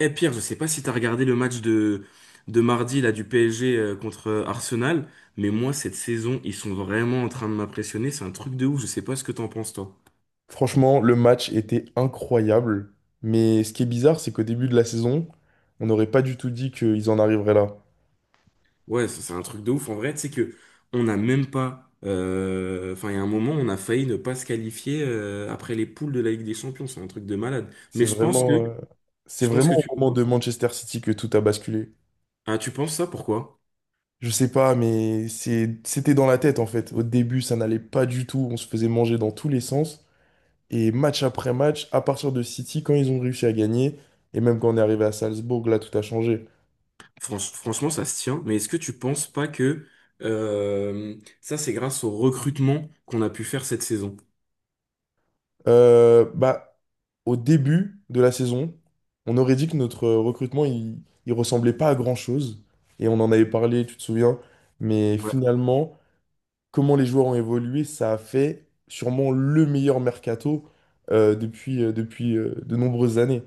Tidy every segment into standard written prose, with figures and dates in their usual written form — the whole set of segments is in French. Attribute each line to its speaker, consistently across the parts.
Speaker 1: Eh Pierre, je sais pas si tu as regardé le match de mardi là, du PSG contre Arsenal, mais moi cette saison, ils sont vraiment en train de m'impressionner. C'est un truc de ouf, je sais pas ce que t'en penses toi.
Speaker 2: Franchement, le match était incroyable. Mais ce qui est bizarre, c'est qu'au début de la saison, on n'aurait pas du tout dit qu'ils en arriveraient là.
Speaker 1: Ouais, ça, c'est un truc de ouf. En vrai, tu sais que on n'a même pas. Enfin, il y a un moment, on a failli ne pas se qualifier après les poules de la Ligue des Champions. C'est un truc de malade.
Speaker 2: C'est
Speaker 1: Mais je pense que
Speaker 2: vraiment, euh, c'est
Speaker 1: je pense
Speaker 2: vraiment
Speaker 1: que
Speaker 2: au
Speaker 1: tu
Speaker 2: moment de
Speaker 1: vois.
Speaker 2: Manchester City que tout a basculé.
Speaker 1: Ah, tu penses ça, pourquoi?
Speaker 2: Je sais pas, c'était dans la tête en fait. Au début, ça n'allait pas du tout. On se faisait manger dans tous les sens. Et match après match, à partir de City, quand ils ont réussi à gagner, et même quand on est arrivé à Salzbourg, là, tout a changé.
Speaker 1: Franchement, ça se tient. Mais est-ce que tu penses pas que ça, c'est grâce au recrutement qu'on a pu faire cette saison?
Speaker 2: Bah, au début de la saison, on aurait dit que notre recrutement, il ressemblait pas à grand-chose. Et on en avait parlé, tu te souviens. Mais
Speaker 1: Ouais.
Speaker 2: finalement, comment les joueurs ont évolué, ça a fait sûrement le meilleur mercato depuis de nombreuses années.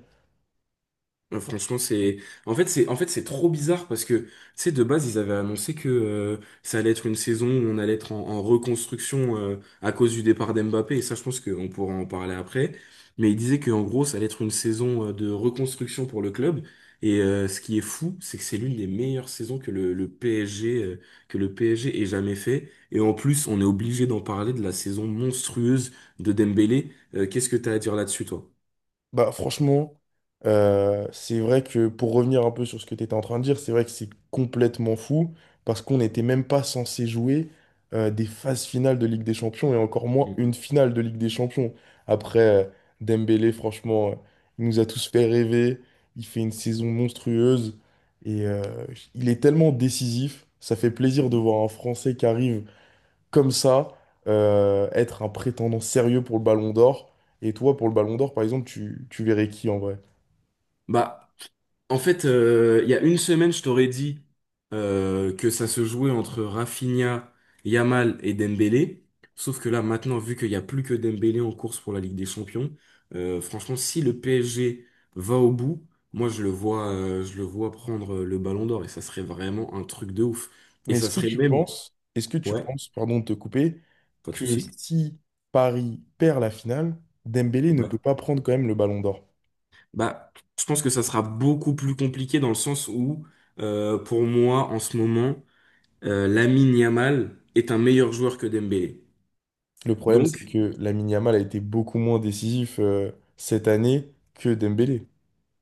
Speaker 1: Franchement, c'est en fait c'est trop bizarre parce que tu sais de base ils avaient annoncé que ça allait être une saison où on allait être en reconstruction à cause du départ d'Mbappé, et ça je pense qu'on pourra en parler après, mais ils disaient que en gros ça allait être une saison de reconstruction pour le club et ce qui est fou c'est que c'est l'une des meilleures saisons que le PSG que le PSG ait jamais fait, et en plus on est obligé d'en parler de la saison monstrueuse de Dembélé. Qu'est-ce que t'as à dire là-dessus toi?
Speaker 2: Bah, franchement, c'est vrai que pour revenir un peu sur ce que tu étais en train de dire, c'est vrai que c'est complètement fou parce qu'on n'était même pas censé jouer des phases finales de Ligue des Champions et encore moins
Speaker 1: Mm.
Speaker 2: une finale de Ligue des Champions. Après, Dembélé, franchement, il nous a tous fait rêver. Il fait une saison monstrueuse et il est tellement décisif. Ça fait plaisir de voir un Français qui arrive comme ça, être un prétendant sérieux pour le Ballon d'Or. Et toi, pour le Ballon d'Or, par exemple, tu verrais qui en vrai?
Speaker 1: Bah en fait, il y a une semaine, je t'aurais dit que ça se jouait entre Rafinha, Yamal et Dembélé. Sauf que là, maintenant, vu qu'il n'y a plus que Dembélé en course pour la Ligue des Champions, franchement, si le PSG va au bout, moi, je le vois prendre le Ballon d'Or, et ça serait vraiment un truc de ouf. Et
Speaker 2: Mais
Speaker 1: ça serait même,
Speaker 2: est-ce que tu
Speaker 1: ouais,
Speaker 2: penses, pardon de te couper,
Speaker 1: pas de
Speaker 2: que
Speaker 1: souci.
Speaker 2: si Paris perd la finale, Dembélé ne
Speaker 1: Ouais.
Speaker 2: peut pas prendre quand même le Ballon d'Or?
Speaker 1: Bah, je pense que ça sera beaucoup plus compliqué dans le sens où, pour moi, en ce moment. Lamine Yamal est un meilleur joueur que Dembélé.
Speaker 2: Le problème, c'est
Speaker 1: Donc,
Speaker 2: que Lamine Yamal a été beaucoup moins décisif cette année que Dembélé.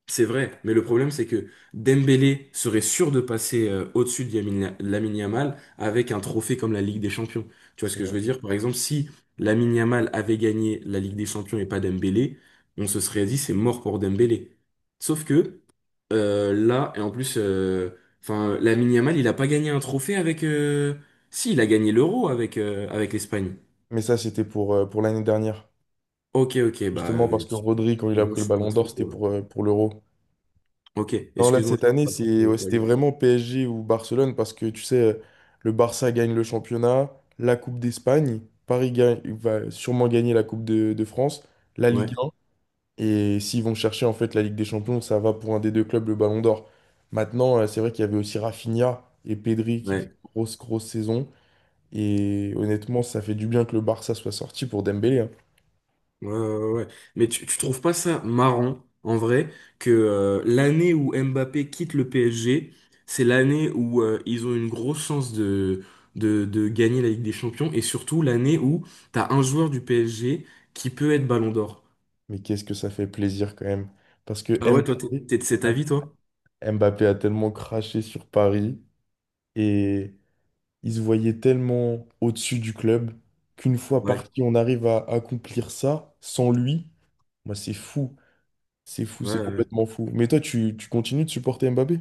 Speaker 1: c'est vrai, mais le problème, c'est que Dembélé serait sûr de passer au-dessus de Lamine Yamal avec un trophée comme la Ligue des Champions. Tu vois ce
Speaker 2: C'est
Speaker 1: que je
Speaker 2: vrai.
Speaker 1: veux dire? Par exemple, si Lamine Yamal avait gagné la Ligue des Champions et pas Dembélé, on se serait dit c'est mort pour Dembélé. Sauf que là, et en plus, enfin, Lamine Yamal, il n'a pas gagné un trophée avec. Si, il a gagné l'Euro avec, avec l'Espagne.
Speaker 2: Mais ça, c'était pour l'année dernière.
Speaker 1: Ok, ok, bah,
Speaker 2: Justement parce que Rodri, quand il a
Speaker 1: excuse-moi,
Speaker 2: pris
Speaker 1: je
Speaker 2: le
Speaker 1: suis pas
Speaker 2: Ballon d'Or,
Speaker 1: trop.
Speaker 2: c'était
Speaker 1: euh,
Speaker 2: pour l'Euro.
Speaker 1: Ok,
Speaker 2: Non, là,
Speaker 1: excuse-moi,
Speaker 2: cette
Speaker 1: je suis
Speaker 2: année,
Speaker 1: pas trop
Speaker 2: ouais, c'était
Speaker 1: calé.
Speaker 2: vraiment PSG ou Barcelone parce que tu sais, le Barça gagne le championnat, la Coupe d'Espagne, Paris gagne, va sûrement gagner la Coupe de France, la Ligue
Speaker 1: Ouais,
Speaker 2: 1. Et s'ils vont chercher en fait la Ligue des Champions, ça va pour un des deux clubs, le Ballon d'Or. Maintenant, c'est vrai qu'il y avait aussi Rafinha et Pedri qui faisaient
Speaker 1: ouais,
Speaker 2: une grosse, grosse saison. Et honnêtement, ça fait du bien que le Barça soit sorti pour Dembélé, hein.
Speaker 1: ouais, ouais. Ouais. Mais tu trouves pas ça marrant, en vrai, que l'année où Mbappé quitte le PSG, c'est l'année où ils ont une grosse chance de gagner la Ligue des Champions, et surtout l'année où t'as un joueur du PSG qui peut être Ballon d'Or.
Speaker 2: Mais qu'est-ce que ça fait plaisir quand même. Parce que
Speaker 1: Ah ouais, toi, t'es
Speaker 2: Mbappé,
Speaker 1: t'es de cet avis, toi?
Speaker 2: Mbappé a tellement craché sur Paris. Et ils se voyaient tellement au-dessus du club qu'une fois
Speaker 1: Ouais,
Speaker 2: parti, on arrive à accomplir ça sans lui. Moi, c'est fou. C'est fou,
Speaker 1: ouais,
Speaker 2: c'est
Speaker 1: ouais.
Speaker 2: complètement fou. Mais toi, tu continues de supporter Mbappé?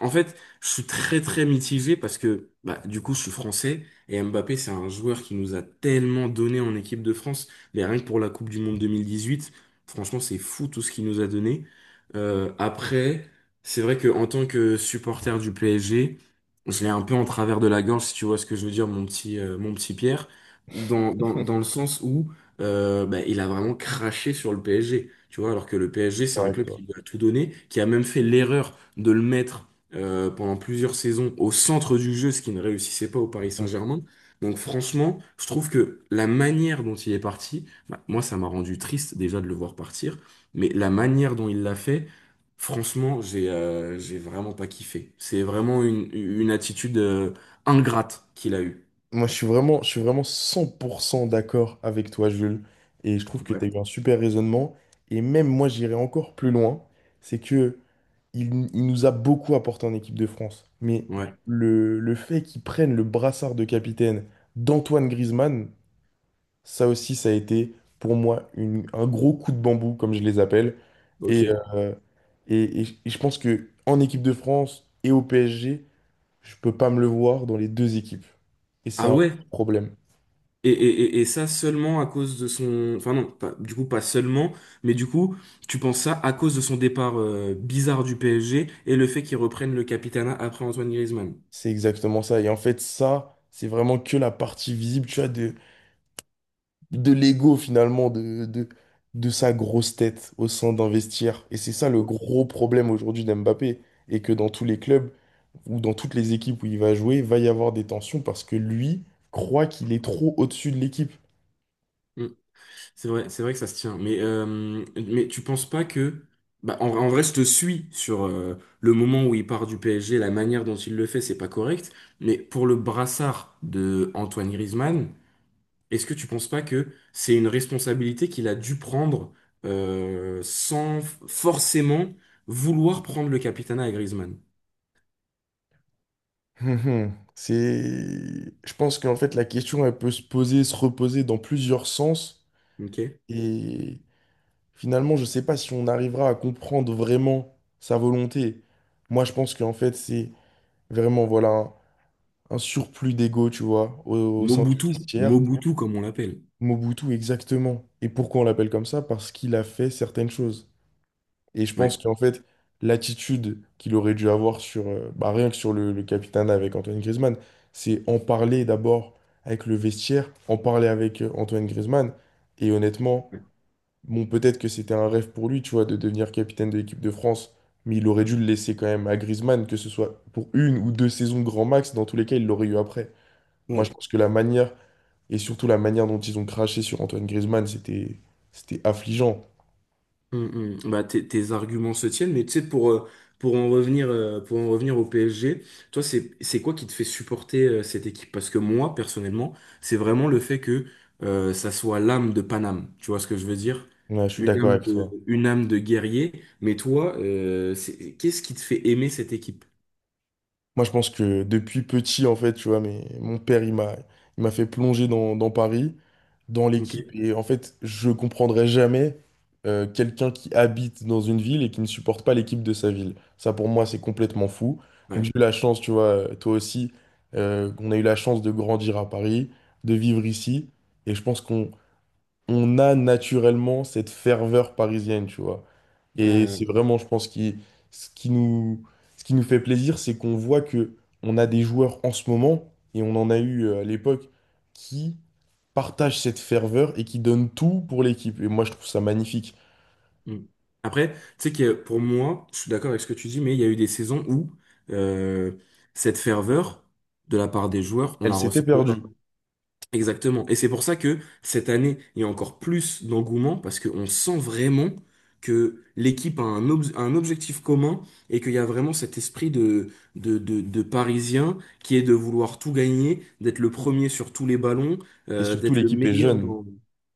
Speaker 1: En fait, je suis très très mitigé parce que bah, du coup je suis français et Mbappé c'est un joueur qui nous a tellement donné en équipe de France, mais rien que pour la Coupe du Monde 2018, franchement c'est fou tout ce qu'il nous a donné. Après, c'est vrai que en tant que supporter du PSG, je l'ai un peu en travers de la gorge si tu vois ce que je veux dire mon petit Pierre, dans le sens où bah, il a vraiment craché sur le PSG, tu vois, alors que le PSG c'est un
Speaker 2: Correct,
Speaker 1: club
Speaker 2: toi.
Speaker 1: qui lui a tout donné, qui a même fait l'erreur de le mettre pendant plusieurs saisons au centre du jeu, ce qui ne réussissait pas au Paris
Speaker 2: Mm.
Speaker 1: Saint-Germain. Donc franchement, je trouve que la manière dont il est parti, bah, moi ça m'a rendu triste déjà de le voir partir, mais la manière dont il l'a fait, franchement, j'ai vraiment pas kiffé. C'est vraiment une attitude ingrate qu'il a eue.
Speaker 2: Moi, je suis vraiment 100% d'accord avec toi, Jules. Et je trouve que tu as
Speaker 1: Ouais.
Speaker 2: eu un super raisonnement. Et même moi, j'irais encore plus loin. C'est que il nous a beaucoup apporté en équipe de France. Mais
Speaker 1: Ouais.
Speaker 2: le fait qu'il prenne le brassard de capitaine d'Antoine Griezmann, ça aussi, ça a été pour moi un gros coup de bambou, comme je les appelle.
Speaker 1: Ok.
Speaker 2: Et, euh, et je pense que en équipe de France et au PSG, je peux pas me le voir dans les deux équipes. Et c'est
Speaker 1: Ah
Speaker 2: un
Speaker 1: ouais?
Speaker 2: problème.
Speaker 1: Et ça seulement à cause de son... Enfin non, pas- du coup pas seulement, mais du coup tu penses ça à cause de son départ bizarre du PSG et le fait qu'il reprenne le capitanat après Antoine Griezmann.
Speaker 2: C'est exactement ça. Et en fait, ça, c'est vraiment que la partie visible, tu vois, de l'ego finalement de sa grosse tête au sein d'investir. Et c'est ça le
Speaker 1: Ok.
Speaker 2: gros problème aujourd'hui d'Mbappé. Et que dans tous les clubs ou dans toutes les équipes où il va jouer, va y avoir des tensions parce que lui croit qu'il est trop au-dessus de l'équipe.
Speaker 1: Mm. C'est vrai que ça se tient. Mais tu penses pas que... Bah, en vrai, je te suis sur le moment où il part du PSG, la manière dont il le fait, c'est pas correct. Mais pour le brassard de Antoine Griezmann, est-ce que tu penses pas que c'est une responsabilité qu'il a dû prendre sans forcément vouloir prendre le capitanat à Griezmann?
Speaker 2: C'est... Je pense qu'en fait, la question, elle peut se poser, se reposer dans plusieurs sens.
Speaker 1: Ok?
Speaker 2: Et finalement, je ne sais pas si on arrivera à comprendre vraiment sa volonté. Moi, je pense qu'en fait, c'est vraiment, voilà, un surplus d'ego, tu vois, au sein du
Speaker 1: Mobutu,
Speaker 2: vestiaire.
Speaker 1: Mobutu comme on l'appelle.
Speaker 2: Mobutu, exactement. Et pourquoi on l'appelle comme ça? Parce qu'il a fait certaines choses. Et je
Speaker 1: Ouais.
Speaker 2: pense qu'en fait, l'attitude qu'il aurait dû avoir sur, bah, rien que sur le capitana avec Antoine Griezmann, c'est en parler d'abord avec le vestiaire, en parler avec Antoine Griezmann. Et honnêtement, bon, peut-être que c'était un rêve pour lui, tu vois, de devenir capitaine de l'équipe de France. Mais il aurait dû le laisser quand même à Griezmann, que ce soit pour une ou deux saisons grand max, dans tous les cas, il l'aurait eu après. Moi, je
Speaker 1: Ouais.
Speaker 2: pense que la manière et surtout, la manière dont ils ont craché sur Antoine Griezmann, c'était affligeant.
Speaker 1: Mm, mm. Bah, tes arguments se tiennent, mais tu sais, pour en revenir au PSG, toi, c'est quoi qui te fait supporter cette équipe? Parce que moi, personnellement, c'est vraiment le fait que ça soit l'âme de Paname. Tu vois ce que je veux dire?
Speaker 2: Ouais, je suis d'accord avec toi.
Speaker 1: Une âme de guerrier. Mais toi, c'est- qu'est-ce qui te fait aimer cette équipe?
Speaker 2: Moi, je pense que depuis petit, en fait, tu vois, mais mon père, il m'a fait plonger dans Paris, dans
Speaker 1: Ok.
Speaker 2: l'équipe. Et en fait, je comprendrai jamais quelqu'un qui habite dans une ville et qui ne supporte pas l'équipe de sa ville. Ça, pour moi, c'est complètement fou. Donc,
Speaker 1: Ouais.
Speaker 2: j'ai eu la chance, tu vois, toi aussi, on a eu la chance de grandir à Paris, de vivre ici. Et je pense qu'on a naturellement cette ferveur parisienne, tu vois.
Speaker 1: Ouais,
Speaker 2: Et
Speaker 1: ouais, ouais.
Speaker 2: c'est vraiment, je pense, qui, ce qui nous, ce qui nous fait plaisir, c'est qu'on voit que on a des joueurs en ce moment, et on en a eu à l'époque, qui partagent cette ferveur et qui donnent tout pour l'équipe. Et moi, je trouve ça magnifique.
Speaker 1: Mm. Après, tu sais que pour moi, je suis d'accord avec ce que tu dis, mais il y a eu des saisons où euh, cette ferveur de la part des joueurs, on
Speaker 2: Elle
Speaker 1: la
Speaker 2: s'était
Speaker 1: ressentait pas.
Speaker 2: perdue.
Speaker 1: Exactement. Et c'est pour ça que cette année, il y a encore plus d'engouement parce qu'on sent vraiment que l'équipe a un, ob- un objectif commun et qu'il y a vraiment cet esprit de Parisien qui est de vouloir tout gagner, d'être le premier sur tous les ballons,
Speaker 2: Et surtout,
Speaker 1: d'être le
Speaker 2: l'équipe est
Speaker 1: meilleur.
Speaker 2: jeune.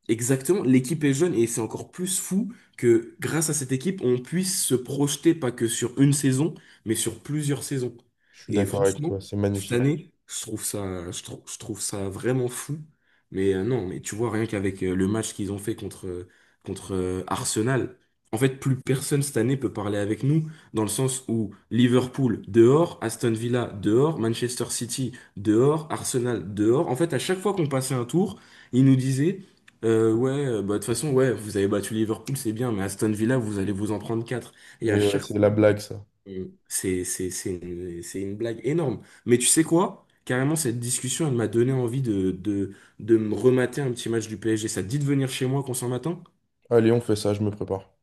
Speaker 1: Exactement, l'équipe est jeune et c'est encore plus fou que grâce à cette équipe, on puisse se projeter pas que sur une saison, mais sur plusieurs saisons.
Speaker 2: Je suis
Speaker 1: Et
Speaker 2: d'accord avec
Speaker 1: franchement,
Speaker 2: toi, c'est
Speaker 1: cette
Speaker 2: magnifique.
Speaker 1: année, je trouve ça, je trouve ça vraiment fou. Mais non, mais tu vois, rien qu'avec le match qu'ils ont fait contre, Arsenal, en fait, plus personne cette année peut parler avec nous, dans le sens où Liverpool dehors, Aston Villa dehors, Manchester City dehors, Arsenal dehors. En fait, à chaque fois qu'on passait un tour, ils nous disaient ouais, bah, de toute façon, ouais, vous avez battu Liverpool, c'est bien, mais Aston Villa, vous allez vous en prendre 4. Et à
Speaker 2: Et ouais,
Speaker 1: chaque fois,
Speaker 2: c'est la blague, ça.
Speaker 1: c'est c'est une blague énorme. Mais tu sais quoi? Carrément, cette discussion, elle m'a donné envie de me remater un petit match du PSG. Ça te dit de venir chez moi qu'on s'en matin?
Speaker 2: Allez, on fait ça, je me prépare.